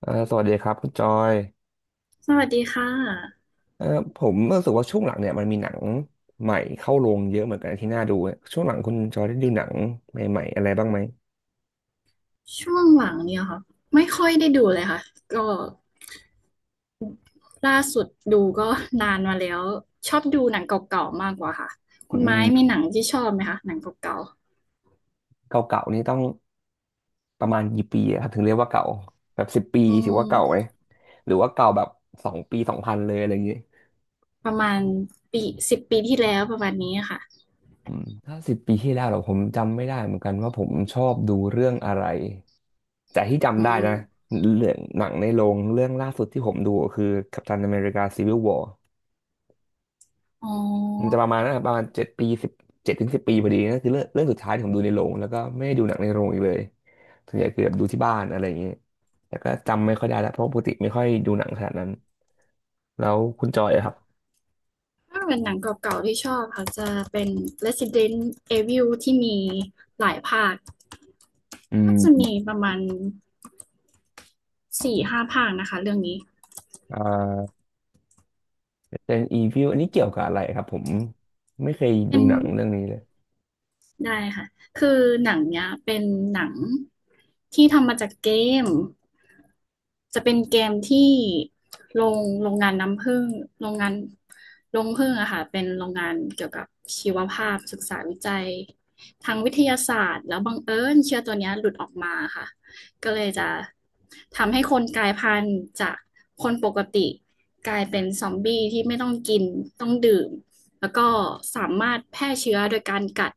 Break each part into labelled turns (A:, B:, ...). A: สวัสดีครับคุณจอย
B: สวัสดีค่ะ
A: เอ่อผมรู้สึกว่าช่วงหลังเนี่ยมันมีหนังใหม่เข้าโรงเยอะเหมือนกันที่น่าดูเช่วงหลังคุณจอยได้ดูหนังใหม่ๆอะไรบ้างไหม
B: ช่วงหลังเนี่ยค่ะไม่ค่อยได้ดูเลยค่ะก็ล่าสุดดูก็นานมาแล้วชอบดูหนังเก่าๆมากกว่าค่ะ
A: อื
B: คุณไม้มี
A: ม
B: หนังที่ชอบไหมคะหนังเก่า
A: เก่าๆนี่ต้องประมาณกี่ปีอะครับถึงเรียกว่าเก่าแบบสิบปี
B: ๆอื
A: ถือ
B: ม
A: ว่าเก่าไหมหรือว่าเก่าแบบ2 ปี2000เลยอะไรอย่างงี้
B: ประมาณปีสิบปีที่แล้วประมาณนี้ค่ะ
A: อืมถ้า10 ปีที่แล้วเหรอผมจำไม่ได้เหมือนกันว่าผมชอบดูเรื่องอะไรแต่ที่
B: อื
A: จำได้
B: ม
A: นะเรื่องหนังในโรงเรื่องล่าสุดที่ผมดูก็คือกัปตันอเมริกาซีวิลวอร์
B: อ๋
A: มันจะป
B: อ
A: ระมาณนั้นอะประมาณ7 ปี7 ถึง 10 ปีพอดีนั่นคือเรื่องสุดท้ายที่ผมดูในโรงแล้วก็ไม่ได้ดูหนังในโรงอีกเลยส่วนใหญ่คือแบบดูที่บ้านอะไรอย่างเงี้ยแต่ก็จำไม่ค่อยได้แล้วเพราะปกติไม่ค่อยดูหนังขนาดนั้นแล้วคุณจอยอะครับ
B: ถ้าเป็นหนังเก่าๆที่ชอบค่ะจะเป็น Resident Evil ที่มีหลายภาค
A: อื
B: น่าจะมี
A: ม
B: ประมาณสี่ห้าภาคนะคะเรื่องนี้
A: อ่าเ e นอีวิวอันนี้เกี่ยวกับอะไรครับผมไม่เคย
B: เป็
A: ดู
B: น
A: หนังเรื่องนี้เลย
B: ได้ค่ะ คือหนังเนี้ยเป็นหนังที่ทำมาจากเกมจะเป็นเกมที่โรงงานน้ำผึ้งโรงงานโรงผึ้งอะค่ะเป็นโรงงานเกี่ยวกับชีวภาพศึกษาวิจัยทางวิทยาศาสตร์ แล้วบังเอิญเชื้อตัวเนี้ยหลุดออกมาค่ะก็เลยจะทำให้คนกลายพันธุ์จากคนปกติกลายเป็นซอมบี้ที่ไม่ต้องกินต้องดื่ม แล้วก็สามารถแพร่เชื้อโดยการกัด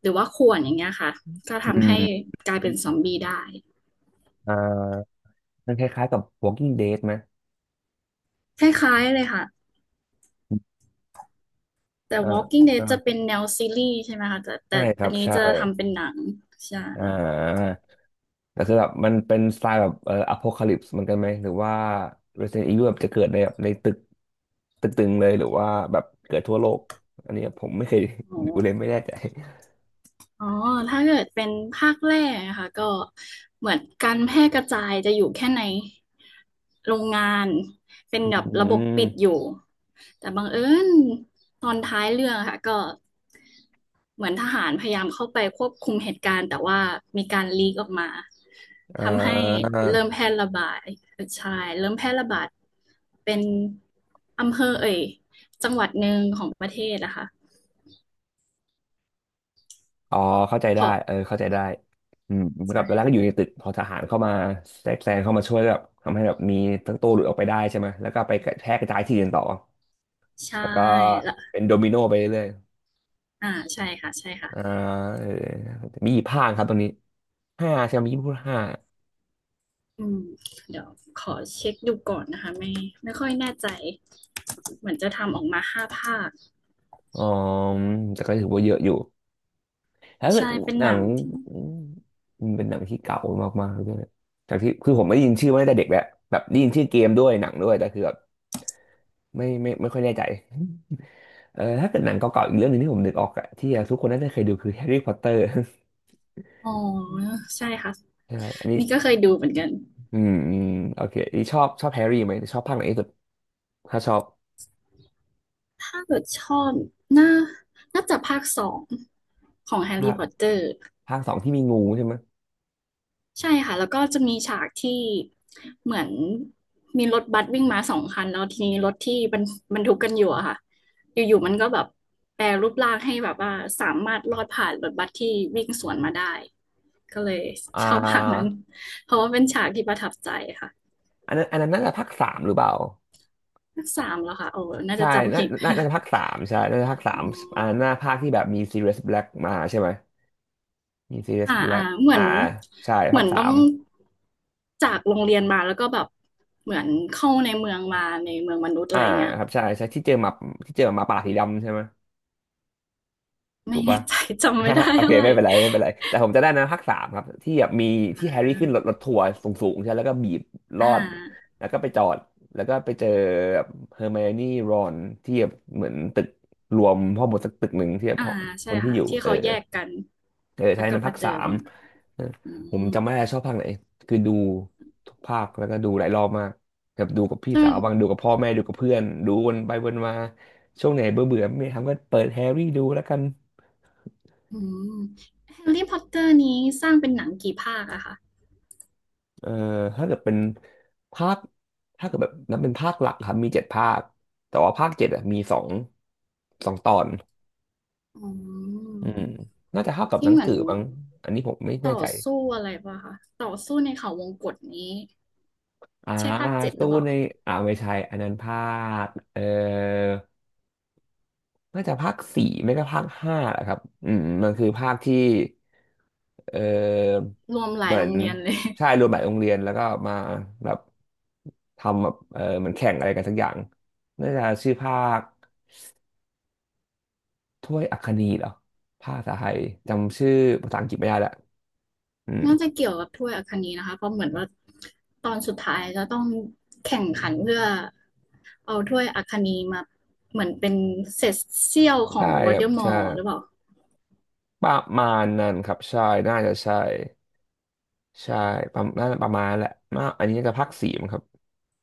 B: หรือว่าข่วนอย่างเงี้ยค่ะก็
A: อื
B: ทำให้
A: ม
B: กลายเป็นซอมบี้ได้
A: อ่ามันคล้ายๆกับ Walking Dead ไหม
B: คล้ายๆเลยค่ะแต่
A: อ่า
B: Walking Dead
A: อ่า
B: จะเป็นแนวซีรีส์ใช่ไหมคะแต่
A: ใช่ครั
B: อัน
A: บ
B: นี้
A: ใช่
B: จะทำเป็นหนังใช่
A: อ่า แต่คือแบบมันเป็นสไตล์แบบอโพคาลิปส์เหมือนกันไหมหรือว่า Resident Evil แบบจะเกิดในแบบในตึงเลยหรือว่าแบบเกิดทั่วโลกอันนี้ผมไม่เคย
B: อ๋อ
A: ดูเลยไม่แน่ใจ
B: อ๋อถ้าเกิดเป็นภาคแรกอะค่ะก็เหมือนการแพร่กระจายจะอยู่แค่ในโรงงานเป็น
A: อื
B: แบบระบบปิด
A: ม
B: อยู่แต่บังเอิญตอนท้ายเรื่องอะค่ะก็เหมือนทหารพยายามเข้าไปควบคุมเหตุการณ์แต่ว่ามีการลีกออกมา
A: อ่
B: ทำให้เริ่ม
A: า
B: แพร่ระบาดเออใช่เริ่มแพร่ระบาดเป็นอำเภอเอ่ยจังหวัดหนึ่งของประเทศนะคะ
A: อ๋อเข้าใจ
B: เพ
A: ได้
B: ราะ
A: เออเข้าใจได้อืมเหมือนกับตอนแรกก็
B: ใช่
A: อยู่ในตึกพอทหารเข้ามาแทรกแซงเข้ามาช่วยแบบทำให้แบบมีทั้งตัวหลุดออกไปได้ใช่ไหมแล้วก็ไปกระแพร่กระจายที่อื่นต่อ
B: ใช่
A: แล้วก็
B: แล้ว
A: เป็นโดมิโนไปเรื่อย
B: อ่าใช่ค่ะใช่
A: ๆ
B: ค่ะ
A: อ่าเออมีกี่ภาคครับตรงนี้ห้าใช่ไหมมีพูดห้า
B: อืมเดี๋ยวขอเช็คดูก่อนนะคะไม่ค่อยแน่ใจเหมือนจะทำออกมาห้าภาค
A: อ๋อแต่ก็ถือว่าเยอะอยู่ถ้าเกิด
B: ใช่เป็น
A: หนั
B: หนั
A: ง
B: งที่
A: มันเป็นหนังที่เก่ามากๆด้วยจากที่คือผมไม่ได้ยินชื่อมาตั้งแต่เด็กแล้วแบบได้ยินชื่อเกมด้วยหนังด้วยแต่คือแบบไม่ค่อยแน่ใจเออถ้าเกิดหนังเก่าๆอีกเรื่องหนึงที่ผมนึกออกอะที่ทุกคนน่าจะเคยดูคือแฮร์รี่พอตเตอร์
B: อ๋อใช่ค่ะ
A: ใช่อันนี้
B: นี่ก็เคยดูเหมือนกัน
A: อืมอืมโอเคอันนี้ชอบชอบแฮร์รี่ไหมชอบภาคไหนที่สุดถ้าชอบ
B: ถ้าเกิดชอบน่าน่าจะภาคสองของแฮร์
A: ภา
B: รี่
A: ค
B: พอตเตอร์
A: ภาคสองที่มีงูใช่ไหมย
B: ใช่ค่ะแล้วก็จะมีฉากที่เหมือนมีรถบัสวิ่งมาสองคันแล้วทีนี้รถที่บรรทุกกันอยู่อะค่ะอยู่ๆมันก็แบบแปรรูปร่างให้แบบว่าสามารถลอดผ่านรถบัสที่วิ่งสวนมาได้ก็เลย
A: อ่
B: ชอบฉากนั้น
A: า
B: เพราะว่าเป็นฉากที่ประทับใจค่ะ
A: อันนั้นอันนั้นน่าจะภาคสามหรือเปล่า
B: ภาคสามแล้วค่ะโอ้น่า
A: ใช่
B: จะจำ
A: น่า
B: ผิด
A: น่า น่าจะภาคสามใช่น่าจะภาคสาม
B: อื
A: อ่าห
B: ม
A: น้าภาคที่แบบมีซีเรียสแบล็กมาใช่ไหมมีซีเรียส
B: อ่า
A: แบล็
B: อ่า
A: ก
B: เหมือ
A: อ่า
B: น
A: ใช่
B: เห
A: ภา
B: มื
A: ค
B: อน
A: สา
B: ต้อง
A: ม
B: จากโรงเรียนมาแล้วก็แบบเหมือนเข้าในเมืองมาในเมืองมนุษย์
A: อ่า
B: อะไรเงี้ย
A: ครับใช่ใช่ที่เจอหมาป่าสีดำใช่ไหมถู
B: ไม่
A: ก
B: แน่
A: ปะ
B: ใจ จำไม่
A: ฮะ
B: ได้
A: โอเค
B: อะไร
A: ไม่เป็นไรไม่เป็นไร แต่ผมจะได้นะภาคสามครับ ที่แบบมีที่แฮร์รี่ขึ้นรถทัวร์สูงๆใช่แล้วก็บีบร
B: อ่
A: อด
B: า
A: แล้วก็ไปจอด แล้วก็ไปเจอแบบเฮอร์ไมโอนี่รอนที่แบบเหมือนตึกรวมพ่อหมดสักตึกหนึ่งที่แบบ
B: อ่า
A: ค
B: ใช่
A: นที่
B: ค่ะ
A: อยู่
B: ที่
A: เออ
B: เขาแยกกัน
A: เออไท
B: แล้ว
A: ย
B: ก็
A: นั้นภา
B: มา
A: ค
B: เจอ
A: สา
B: ล
A: ม
B: ง
A: เออ
B: อื
A: ผม
B: ม
A: จำไม่ได้ชอบภาคไหน คือดูทุกภาคแล้วก็ดูหลายรอบมากแบบดูกับพี่
B: จ
A: สาว
B: น
A: บางดูกับพ่อแม่ดูกับเพื่อน ดูวนไปวนมา ช่วงไหนเบื่อเบื่อไม่มีทำก็เปิดแฮร์รี่ดูแล้วกัน
B: อืมแฮร์รี่พอตเตอร์นี้สร้างเป็นหนังกี่ภาคอะคะ
A: เออถ้าเกิดเป็นภาคถ้าเกิดแบบนับเป็นภาคหลักครับมีเจ็ดภาค แต่ว่าภาค 7อะมีสองตอน
B: อื
A: อืม
B: ม
A: น่าจะเท่ากับห
B: ที่
A: นัง
B: เหมือ
A: สื
B: น
A: อบ้างอันนี้ผมไม่แน่
B: ต่อ
A: ใจ
B: สู้อะไรป่ะคะต่อสู้ในเขาวงกตนี้
A: อ่า
B: ใช่ภาคเจ็ดห
A: สู้
B: รือเปล่า
A: ในอ่าไม่ใช่อันนั้นภาคเออ น่าจะภาคสี่ไม่ก็ภาคห้าแหละครับอืมมันคือภาคที่เออ
B: รวมหลา
A: เห
B: ย
A: มือ
B: โร
A: น
B: งเรียนเลย
A: ใช่รวมหลายโรงเรียนแล้วก็มาแบบทำแบบเออเหมือนแข่งอะไรกันสักอย่างน่าจะชื่อภาคถ้วยอัคนีเหรอภาคภาษาไทยจำชื่อภาษาอังกฤษไม่ได้ละอืม
B: น่าจะเกี่ยวกับถ้วยอัคนีนะคะเพราะเหมือนว่าตอนสุดท้ายจะต้องแข่งขันเพื่อเอาถ้วยอัคนีมาเหมือนเป็นเศษเสี้ยวขอ
A: ใช่
B: งวอ
A: ค
B: ล
A: รั
B: เด
A: บ
B: อมอ
A: ใช่
B: ร์หรือเปล่า
A: ประมาณนั้นครับใช่น่าจะใช่ใช่ประมาณน่าจะประมาณแหละมาอันนี้น่าจะภาคสี่มั้งครับ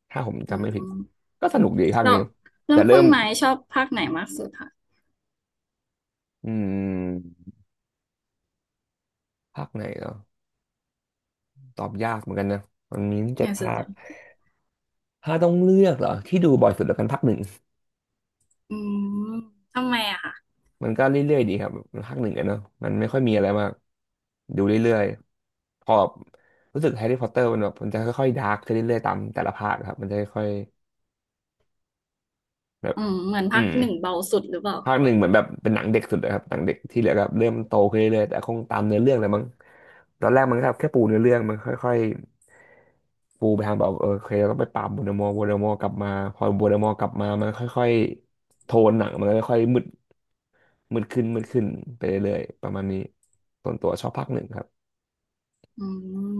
A: ถ้าผม
B: อื
A: จำไม่ผิด
B: ม
A: ก็สนุกดีภาค
B: แล้
A: นี้
B: วแล้
A: แต่
B: ว
A: เริ่
B: คุณ
A: ม
B: ไม้ชอบภาคไหนมากสุดคะ
A: อืมภาคไหนเหรอ ตอบยากเหมือนกันนะมันมีตั้ง
B: แฮ
A: เจ็ด
B: ร์รี่สอ
A: ภา
B: ตเต
A: ค
B: อร์
A: ถ้าต้องเลือกเหรอ ที่ดูบ่อยสุดแล้วกันภาคหนึ่ง
B: อืมทำไมอะคะ
A: มันก็เรื่อยๆดีครับภาคหนึ่งอะเนาะ มันไม่ค่อยมีอะไรมากดูเรื่อยๆพอรู้สึกแฮร์รี่พอตเตอร์มันแบบมันจะค่อยๆดาร์กขึ้นเรื่อยๆตามแต่ละภาคครับมันจะค่อยๆแบบ
B: อืมเหมือน
A: อื
B: ภาค
A: ม
B: หนึ่งเบาสุดหรือเปล่า
A: ภาค
B: แบ
A: หนึ่
B: บ
A: งเหมือนแบบเป็นหนังเด็กสุดเลยครับหนังเด็กที่เหลือก็เริ่มโตขึ้นเรื่อยๆแต่คงตามเนื้อเรื่องเลยมั้งตอนแรกมันก็แค่ปูเนื้อเรื่องมันค่อยๆปูไปทางแบบเคยเราต้องไปปราบโวลเดอมอร์โวลเดอมอร์กลับมาพอโวลเดอมอร์กลับมามันค่อยๆโทนหนังมันค่อยๆมืดขึ้นมืดขึ้นไปเรื่อยๆประมาณนี้ส่วนตัวชอบภาคหนึ่งครับ
B: อืม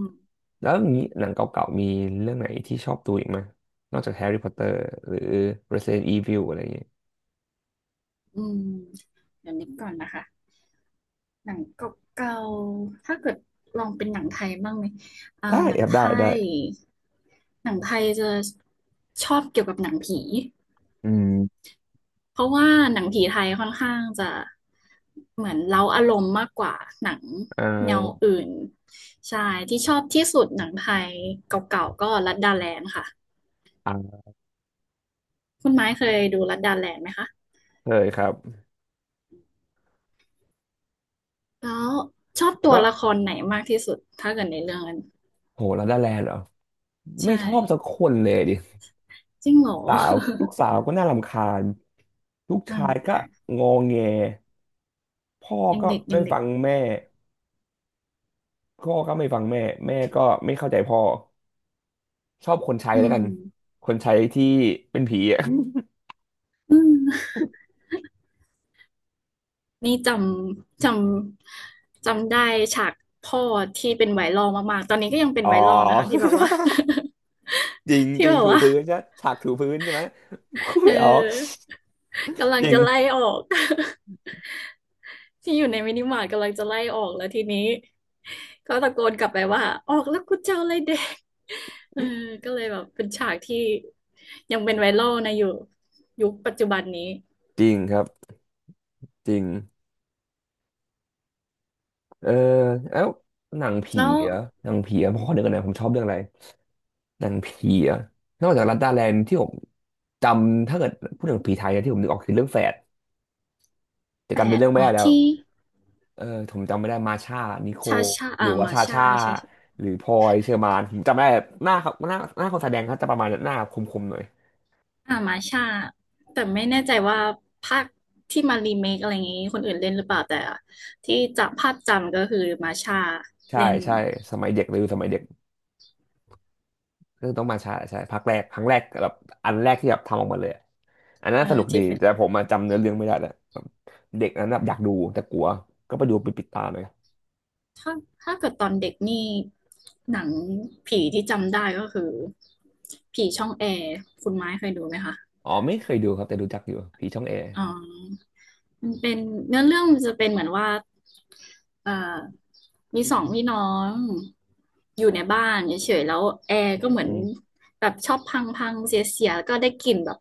A: แล้วอย่างนี้หนังเก่าๆมีเรื่องไหนที่ชอบดูอีกไหมนอกจากแฮร์รี่พอตเตอร์หรือ Resident Evil อะไรอย่างเงี้ย
B: อืมเดี๋ยวนึกก่อนนะคะ หนังเก่าๆถ้าเกิดลองเป็นหนังไทยบ้างไหมอ่า
A: ได้
B: หนัง
A: ครับ
B: ไท
A: ได้ได้
B: ยหนังไทยจะชอบเกี่ยวกับหนังผี
A: อืม
B: เพราะว่าหนังผีไทยค่อนข้างจะเหมือนเร้าอารมณ์มากกว่าหนัง
A: เอ่
B: แนว
A: อ
B: อื่นใช่ที่ชอบที่สุดหนังไทยเก่าๆก็ลัดดาแลนด์ค่ะ
A: อ่า
B: คุณไม้เคยดูลัดดาแลนด์ไหมคะ
A: เคยครับ
B: แล้วชอบตัว
A: ก็
B: ละครไหนมากที่สุดถ้าเกิดในเรื่องนั้น
A: โหลาไดาแลนด์เหรอ
B: ใช
A: ไม่ชอบสัก
B: ่
A: คนเลยดิ
B: จริงเหรอ
A: สาวลูกสาวก็น่ารำคาญลูก
B: อื
A: ชา
B: ม
A: ยก็
B: อ่ะ
A: งอแงพ่อ
B: ยัง
A: ก็
B: เด็กยั
A: ไม่
B: งเด็
A: ฟั
B: ก
A: งแม่พ่อก็ไม่ฟังแม่แม่ก็ไม่เข้าใจพ่อชอบคนใช้
B: อื
A: แล้วกัน
B: ม
A: คนใช้ที่เป็นผีอ่ะ
B: อืมนี่จำจำได้ฉากพ่อที่เป็นไวรัลมากๆตอนนี้ก็ยังเป็น
A: อ๋อ
B: ไวรัลนะคะที่แบบว่า
A: จริง
B: ที่
A: จริ
B: แบ
A: ง
B: บ
A: ถู
B: ว่า
A: พื้นใช่ฉากถูพื้นใช่ไหมพูด
B: เ
A: ไม่ออก
B: ออกำลัง
A: จริ
B: จะไล่
A: ง
B: ออก ที่อยู่ในมินิมาร์ทกำลังจะไล่ออกแล้วทีนี้ก็ตะโกนกลับไปว่าออกแล้วกูจะเอาอะไรเด็กเออก็เลยแบบเป็นฉากที่ยังเป็นไวรัลนะอยู่ยุคปัจจุบันนี้
A: จริงครับจริง เออแล้วหนังผี
B: แล้ว
A: เหรอหนังผีเหรอผมขอนึกก่อนนะผมชอบเรื่องอะไรหนังผีเหรอนอกจากลัดดาแลนด์ที่ผมจำถ้าเกิดพูดถึงผีไทยนะที่ผมนึกออกคือเรื่องแฝดแต่
B: แป
A: จำเป็น
B: ด
A: เรื่องไม่
B: อ๋อ
A: ได้แล้ว
B: ที่
A: เออผมจำไม่ได้มาชานิโค
B: ชาชา
A: หรื
B: อา
A: อว่า
B: มา
A: ชา
B: ชา
A: ชา
B: ชาชา
A: หรือพลอยเชอร์มานผมจำไม่ได้หน้าคนแสดงเขาจะประมาณหน้าคมๆหน่อย
B: อ่ามาชาแต่ไม่แน่ใจว่าภาคที่มารีเมคอะไรอย่างนี้คนอื่นเล่นหรือเปล่าแต่ที่จะภาพจำก็คือมาชา
A: ใช่
B: เล่น
A: ใช่สมัยเด็กเลยสมัยเด็ก เรื่องต้องมาใช้าใช่ภาคแรกครั้งแรกแบบอันแรกที่แบบทำออกมาเลยอะอันนั้น
B: อ่า
A: สนุกดี
B: ที่เป็น
A: แต่ผมมาจำเนื้อเรื่องไม่ได้แล้วแบบเด็กนั้นแบบอยากดูแต่กลัวก็ไปดูไปปิดตาเลย
B: ถ้าถ้าเกิดตอนเด็กนี่หนังผีที่จำได้ก็คือผีช่องแอร์คุณไม้เคยดูไหมคะ
A: อ๋อไม่เคยดูครับแต่รู้จักอยู่ผีช่องแอร์
B: อ๋อมันเป็นเนื้อเรื่องมันจะเป็นเหมือนว่าเอ่อมีสองพี่น้องอยู่ในบ้านเฉยๆ แล้วแอร์
A: อื
B: ก็
A: ม
B: เหมือนแบบชอบพังพังเสียๆ แล้วก็ได้กลิ่นแบบ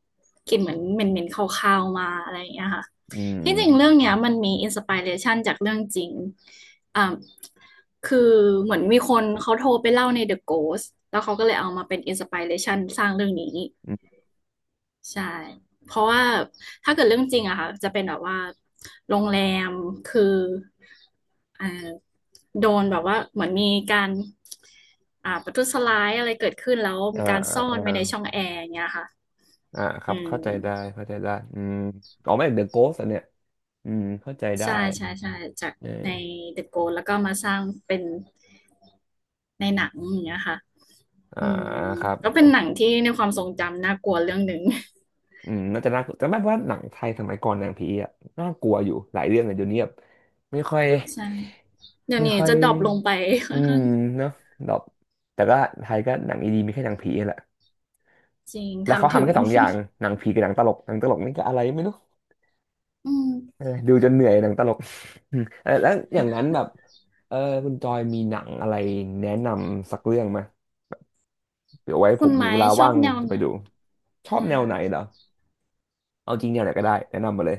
B: กลิ่นเหมือนเหม็นเหม็นคาวๆมาอะไรอย่างเงี้ยค่ะ
A: อื
B: ที่จริงเรื่
A: ม
B: องเนี้ยมันมีอินสปิเรชันจากเรื่องจริงอ่าคือเหมือนมีคนเขาโทรไปเล่าใน The Ghost แล้วเขาก็เลยเอามาเป็นอินสปิเรชันสร้างเรื่องนี้
A: อืม
B: ใช่ เพราะว่าถ้าเกิดเรื่องจริงอะค่ะจะเป็นแบบว่าโรงแรมคืออ่าโดนแบบว่าเหมือนมีการประทุษร้ายอะไรเกิดขึ้นแล้ว
A: อ่า
B: มีการซ่อ
A: อ่า
B: นไว้ในช่องแอร์อย่างเงี้ยค่ะ
A: อ่าค
B: อื
A: รับเข้าใจได้
B: ม
A: อืมอ๋อไม่เดอะโกสต์อันเนี้ยอืมเข้าใจได้
B: ใช่ใช่ใช่จาก
A: เอ
B: ใน
A: อ
B: The Ghost แล้วก็มาสร้างเป็นในหนังอย่างเงี้ยค่ะ
A: อ่า
B: อืม
A: ครับ
B: ก็เป็นหนังที่ในความทรงจำน่ากลัวเรื่องหนึ่ง
A: อืมน่าจะน่ากลัวแต่แม้ว่าหนังไทยสมัยก่อนหนังผีอ่ะน่ากลัวอยู่หลายเรื่องเลยเดี๋ยวนี้แบบไม่ค่อย
B: ใช่เดี๋ยว
A: ไม่
B: นี้
A: ค่อ
B: จะ
A: ย
B: ดรอปลงไปค่
A: อื
B: อน
A: ม
B: ข้าง
A: เนาะแบบแต่ก็ไทยก็หนังดีๆมีแค่หนังผีแหละ
B: จริง
A: แล้วเขา
B: ทำ
A: ทำ
B: ถึ
A: แค่
B: ง
A: สองอย่างหนังผีกับหนังตลกนี่ก็อะไรไม่รู้
B: อืม
A: เออดูจนเหนื่อยหนังตลกอืมเออแล้วอย่างนั้นแบบเออคุณจอยมีหนังอะไรแนะนำสักเรื่องไหมเดี๋ยวไว้ผ
B: คุณ
A: มมี
B: ไม้
A: เวลา
B: ชอ
A: ว่า
B: บ
A: ง
B: แนว
A: จะไป
B: ไหน
A: ดูชอบ
B: นะ
A: แนว
B: คะ
A: ไหนเหรอ เอาจริงแนวไหนก็ได้แนะนำมาเลย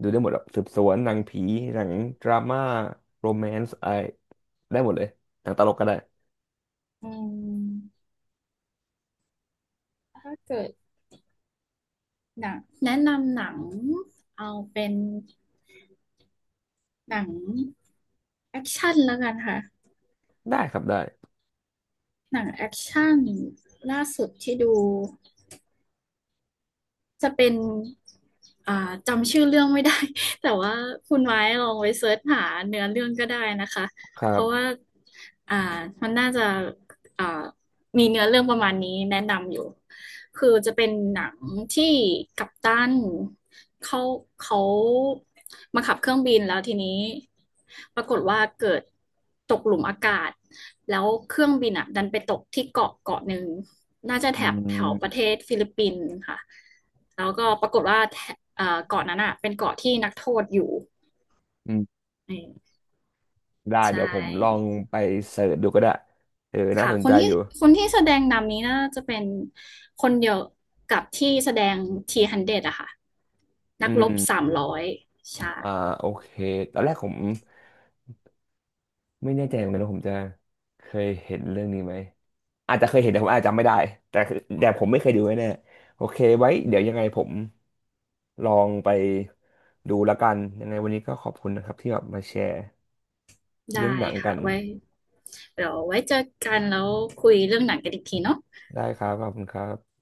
A: ดูได้หมดอะสืบสวนหนังผีหนังดราม่าโรแมนส์อะไรได้หมดเลยหนังตลกก็ได้
B: อืมถ้าเกิดหนังแนะนำหนังเอาเป็นหนังแอคชั่นแล้วกันค่ะ
A: ได้ครับ
B: หนังแอคชั่นล่าสุดที่ดูจะเป็นอ่าจำชื่อเรื่องไม่ได้ แต่ว่าคุณไม้ลองไปเสิร์ชหาเนื้อเรื่องก็ได้นะคะ
A: ค
B: เพ
A: รั
B: ราะว่า
A: บ
B: อ่ามันน่าจะอ่ามีเนื้อเรื่องประมาณนี้แนะนำอยู่ คือจะเป็นหนังที่กัปตันเขาเขามาขับเครื่องบินแล้วทีนี้ปรากฏว่าเกิดตกหลุมอากาศแล้วเครื่องบินอ่ะดันไปตกที่เกาะเกาะหนึ่งน่าจะ
A: อื
B: แถบแถวประ
A: ม
B: เทศฟิลิปปินส์ค่ะแล้วก็ปรากฏว่าแถเอ่อเกาะนั้นอ่ะเป็นเกาะที่นักโทษอยู่
A: อืม
B: อืม
A: ได้
B: ใช่
A: เดี๋ยวผมลองไปเสิร์ชดูก็ได้เออน่า
B: ค่ะ
A: สน
B: ค
A: ใจ
B: นที่
A: อยู่
B: คนที่แสดงนำนี้น่าจะเป็นคนเดียวกับที่แสดงทีฮันเดอยอะค่ะ
A: อื
B: นักรบสา
A: ม
B: มร้อยใช่
A: อ่าโอเคตอนแรกผมไม่แน่ใจเหมือนกันว่าผมจะเคยเห็นเรื่องนี้ไหมอาจจะเคยเห็นแต่ผมอาจจะจำไม่ได้แต่ผมไม่เคยดูแน่ๆโอเคไว้เดี๋ยวยังไงผม ลองไปดูแล้วกันยังไงวันนี้ก็ขอบคุณนะครับที่แบบมาแชร์เรื่อ
B: ได้
A: งหนัง
B: ค่ะ
A: กัน
B: ไว้เดี๋ยวไว้เจอกันแล้วคุยเรื่องหนังกันอีกทีเนาะ
A: ได้ครับขอบคุณครับ